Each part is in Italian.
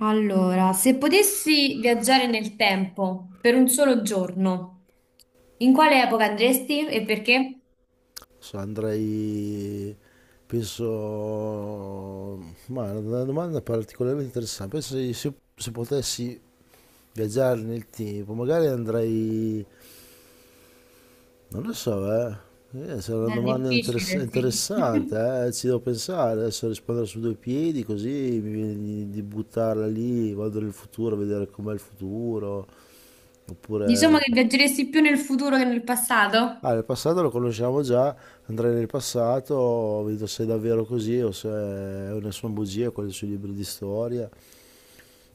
Allora, se potessi viaggiare nel tempo per un solo giorno, in quale epoca andresti e perché? So, andrei, penso, ma è una domanda particolarmente interessante. Penso se potessi viaggiare nel tempo, magari andrei, non lo so. Se è una È domanda difficile, sì. interessante, ci devo pensare, adesso rispondere su due piedi, così mi viene di buttarla lì, vado nel futuro a vedere com'è il futuro, Diciamo oppure... che viaggeresti più nel futuro che nel passato? Ah, il passato lo conosciamo già, andrei nel passato, vedo se è davvero così o se o ne sono bugie quelle sui libri di storia.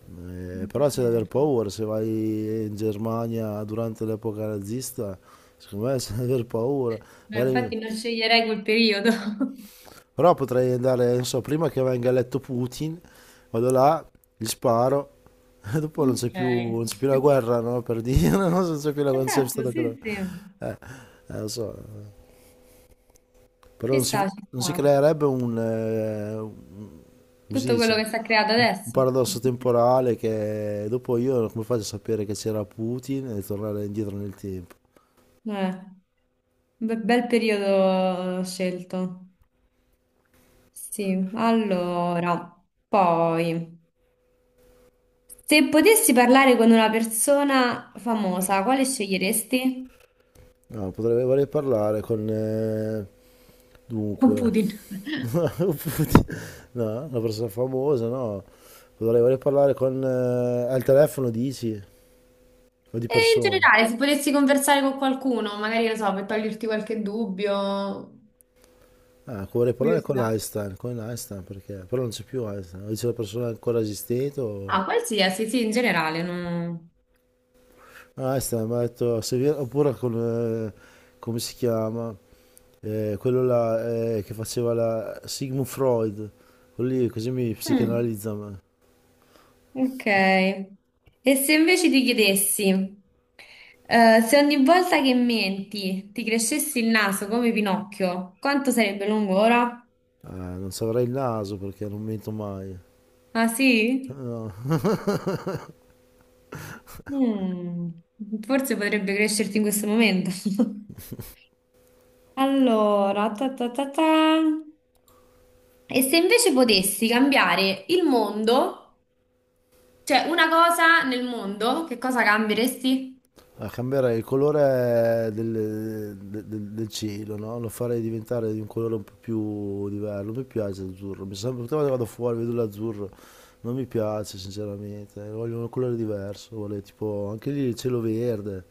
Però c'è da aver Ok. paura, se vai in Germania durante l'epoca nazista, secondo me c'è da aver paura. Eh, Magari mi- Infatti non sceglierei quel periodo. Però potrei andare, non so, prima che venga eletto Putin, vado là, gli sparo, e dopo non c'è Ok. più, non c'è più la guerra, no? Per dire, non so, non c'è Esatto, stata più la... sì, sì. Eh, Lo so. Però Ci non si, sta, ci Non si sta. creerebbe un, come si Tutto quello dice, che si è creato un adesso. paradosso temporale che dopo io come faccio a sapere che c'era Putin e tornare indietro nel tempo? Eh, bel periodo scelto. Sì, allora, poi, se potessi parlare con una persona famosa, quale sceglieresti? No, vorrei parlare con... Con dunque, Putin. Putin- no, una persona famosa, no, vorrei parlare con... al telefono dici? O di E in persona? generale, se potessi conversare con qualcuno, magari, non so, per toglierti qualche dubbio, Ah, vorrei parlare curiosità. Con Einstein perché... Però non c'è più Einstein, o c'è una persona ancora esistente o... Ah, qualsiasi, sì, in generale, no. Ah, sta, mi ha detto, se vi- oppure con, come si chiama? Quello là che faceva la Sigmund Freud, quello lì così mi Mm, psicanalizza a me. ok. E se invece ti chiedessi, se ogni volta che menti ti crescessi il naso come Pinocchio, quanto sarebbe lungo ora? Ah, non saprei il naso perché non mento mai. Ah sì? No. Mm, forse potrebbe crescerti in questo momento. Allora, ta ta ta ta. E se invece potessi cambiare il mondo, cioè una cosa nel mondo, che cosa cambieresti? Ah, cambierei il colore del cielo, no? Lo farei diventare di un colore un po' più diverso. Non mi piace l'azzurro. Mi sembra che vado fuori, vedo l'azzurro. Non mi piace sinceramente, voglio un colore diverso, vorrei tipo anche lì il cielo verde,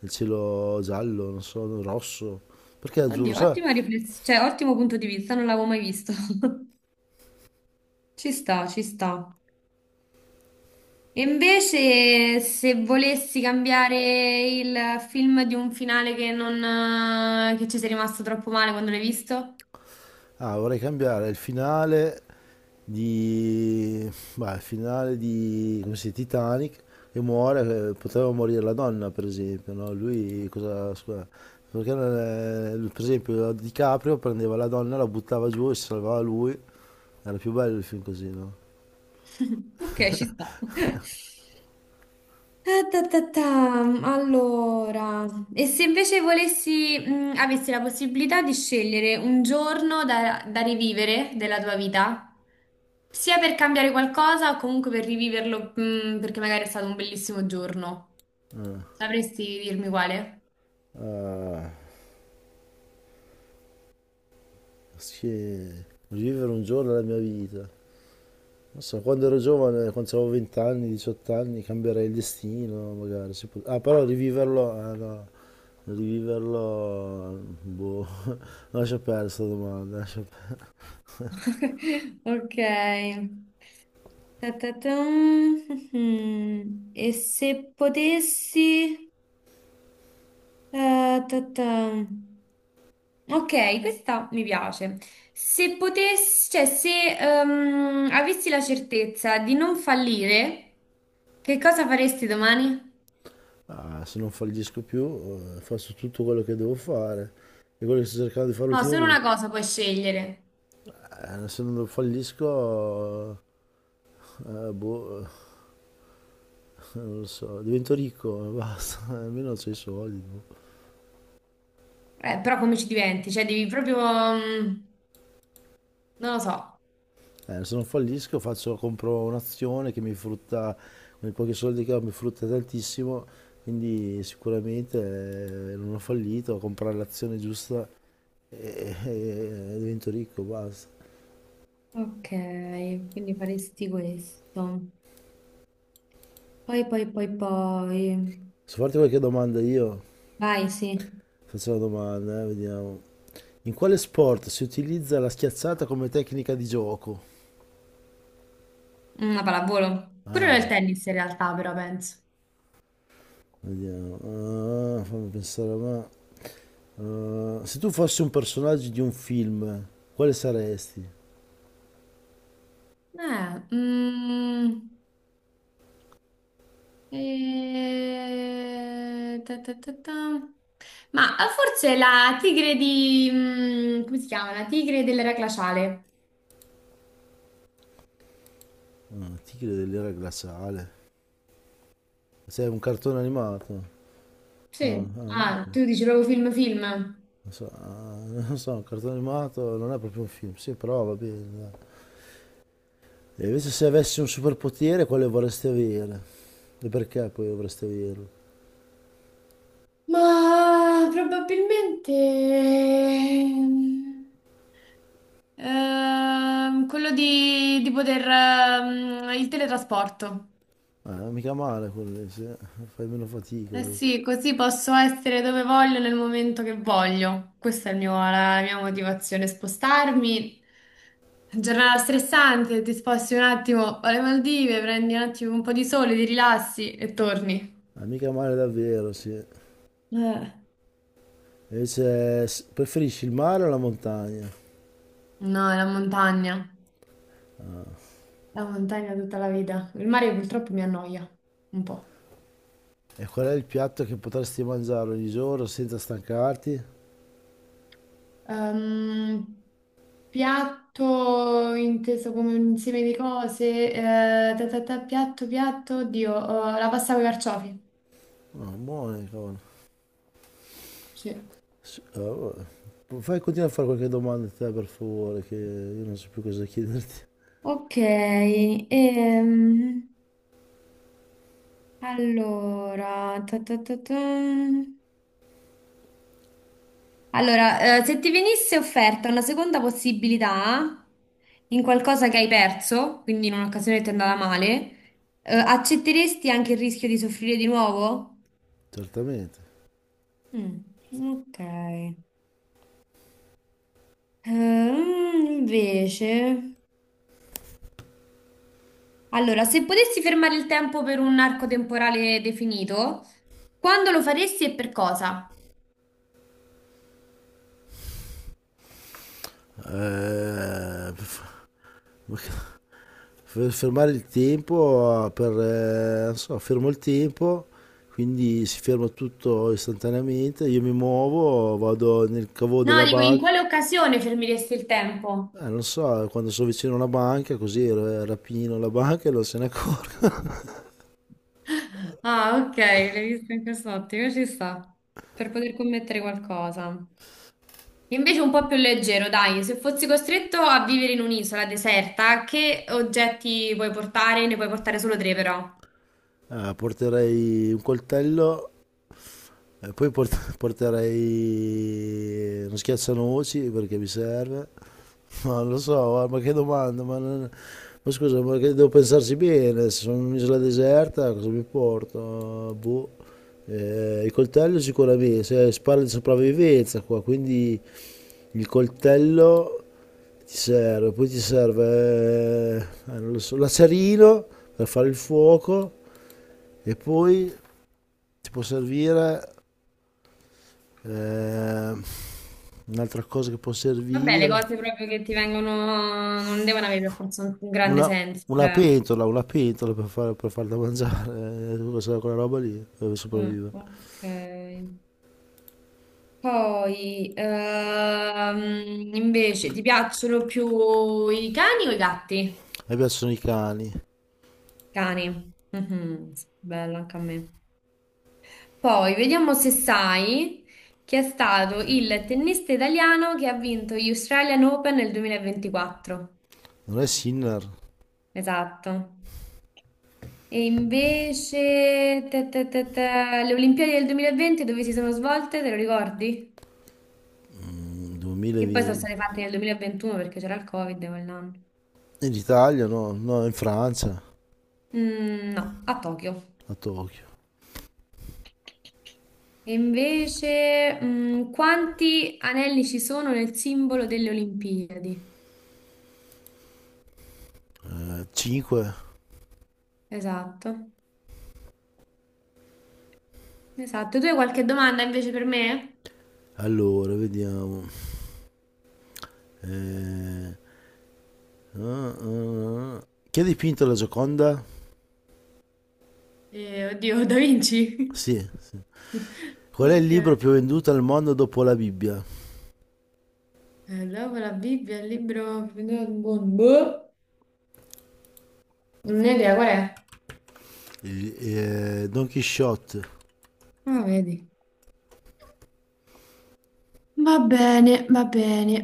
il cielo giallo, non so, rosso. Perché azzurro, Oddio, sai? ottima riflessione, cioè ottimo punto di vista, non l'avevo mai visto. Ci sta, ci sta. E invece se volessi cambiare il film di un finale che non, che ci sei rimasto troppo male quando l'hai visto? Ah, vorrei cambiare il finale di... Beh, il finale di... come si dice, Titanic e muore, poteva morire la donna per esempio, no? Lui cosa... scusa, perché non è- per esempio DiCaprio prendeva la donna, la buttava giù e si salvava lui. Era più bello il film così, no? Ok, ci sta. Ah, ta, ta, ta. Allora, e se invece volessi, avessi la possibilità di scegliere un giorno da, da rivivere della tua vita, sia per cambiare qualcosa o comunque per riviverlo, perché magari è stato un bellissimo giorno, Eh. sapresti dirmi quale? Eh. Sì, vivere un giorno della mia vita. Non so, quando ero giovane, quando avevo 20 anni, 18 anni, cambierei il destino, magari. Ah, però riviverlo, ah, no, riviverlo, boh, lascia perdere questa domanda. Ok. Ta, ta, ta. Mm, mm, mm. E se potessi... ta ta. Ok, questa mi piace. Se potessi, cioè, se avessi la certezza di non fallire, che cosa faresti domani? Ah, se non fallisco più, faccio tutto quello che devo fare. E quello che sto cercando di fare No, solo ultimamente. una cosa puoi scegliere. Se non fallisco, boh, non lo so, divento ricco, basta, almeno ho i soldi. Però come ci diventi? Cioè, devi proprio... mm, non lo so. Se non fallisco faccio, compro un'azione che mi frutta, con i pochi soldi che ho mi frutta tantissimo, quindi sicuramente non ho fallito, ho comprato l'azione giusta e divento ricco, basta. Ok, quindi faresti questo. Poi, poi, poi, poi. Posso farti qualche domanda io? Vai, sì. Faccio una domanda, vediamo. In quale sport si utilizza la schiazzata come tecnica di gioco? Una pallavolo. Pure nel Ah, tennis in realtà, però penso. vediamo. Ah, fammi pensare, ma... ah, se tu fossi un personaggio di un film, quale saresti? Eh, mm. Ta ta ta ta. Ma forse la tigre di... mm, come si chiama? La tigre dell'era glaciale. Tigre dell'era glaciale. Sei un cartone animato. Sì. Ah, Non tu dici proprio film film. so, ah, non so, un cartone animato non è proprio un film. Sì, però va bene, dai. E invece se avessi un superpotere, quale vorresti avere? E perché poi vorresti averlo? Ma probabilmente... quello di poter... il teletrasporto. Ah, mica male quello, lì, sì, eh. Fai meno fatica Eh dopo. sì, così posso essere dove voglio nel momento che voglio. Questa è la mia motivazione, spostarmi. Giornata stressante, ti sposti un attimo alle Maldive, prendi un attimo un po' di sole, ti rilassi e torni. Ah, mica male davvero, sì. Eh, Preferisci il mare o la montagna? No, è la montagna tutta la vita. Il mare purtroppo mi annoia un po'. E qual è il piatto che potresti mangiare ogni giorno senza stancarti? Ehm, piatto inteso come un insieme di cose, ta ta ta, piatto, piatto, oddio, la pasta con i carciofi. Ah, buone, cavolo. Sì. S- eh, Fai, continua a fare qualche domanda a te per favore, che io non so più cosa chiederti. Ok, allora, ta ta ta ta. Allora, se ti venisse offerta una seconda possibilità in qualcosa che hai perso, quindi in un'occasione che ti è andata male, accetteresti anche il rischio di soffrire di nuovo? Certamente. Mm, ok. Invece, allora, se potessi fermare il tempo per un arco temporale definito, quando lo faresti e per cosa? Eh, f- ma che- Fermare il tempo per... non so, fermo il tempo, quindi si ferma tutto istantaneamente, io mi muovo, vado nel cavo No, della dico, in banca. quale occasione fermiresti il tempo? Non so, quando sono vicino a una banca, così rapino la banca e non se ne accorgo. Ah, ok, l'hai visto in quest'ottica, ci sta. Per poter commettere qualcosa. Invece un po' più leggero, dai, se fossi costretto a vivere in un'isola deserta, che oggetti puoi portare? Ne puoi portare solo tre, però. Porterei un coltello. Porterei uno schiaccianoci perché mi serve. Ma non lo so, guarda, ma che domanda, ma, non- ma scusa, ma che devo pensarci bene, se sono in un'isola deserta cosa mi porto? Boh. Il coltello sicuramente, se si parla di sopravvivenza qua, quindi il coltello ti serve, poi ti serve, non lo so, l'acerino per fare il fuoco e poi ti può servire. Ehm, Un'altra cosa che può Vabbè, le servire, cose proprio che ti vengono non devono avere per forza un grande una, senso, cioè. Una pentola per farla mangiare, quella roba lì, dove Mm, sopravvive. ok. Poi, invece, ti piacciono più i cani o i gatti? A me piacciono i cani. Cani. Mhm, bello anche a me. Poi vediamo se sai chi è stato il tennista italiano che ha vinto gli Australian Open nel 2024. Non è Sinner. Esatto. E invece le Olimpiadi del 2020 dove si sono svolte, te lo ricordi? Mm, Che poi sono 2020. state fatte nel 2021 perché c'era il Covid quell'anno. In Italia no, no, in Francia, Mm, no, a Tokyo. a Tokyo. E invece, mm, quanti anelli ci sono nel simbolo delle Olimpiadi? 5, Esatto, esatto. Tu hai qualche domanda invece per me? allora, vediamo. Eh, ah. Chi ha dipinto la Gioconda? Oddio, Da Vinci? Sì, sì. Qual è il Ok. Libro più venduto al mondo dopo la Bibbia? Dopo la Bibbia, il libro... Boh, non ne ho idea, qual è? Don Quixote Ah, vedi. Va bene, va bene.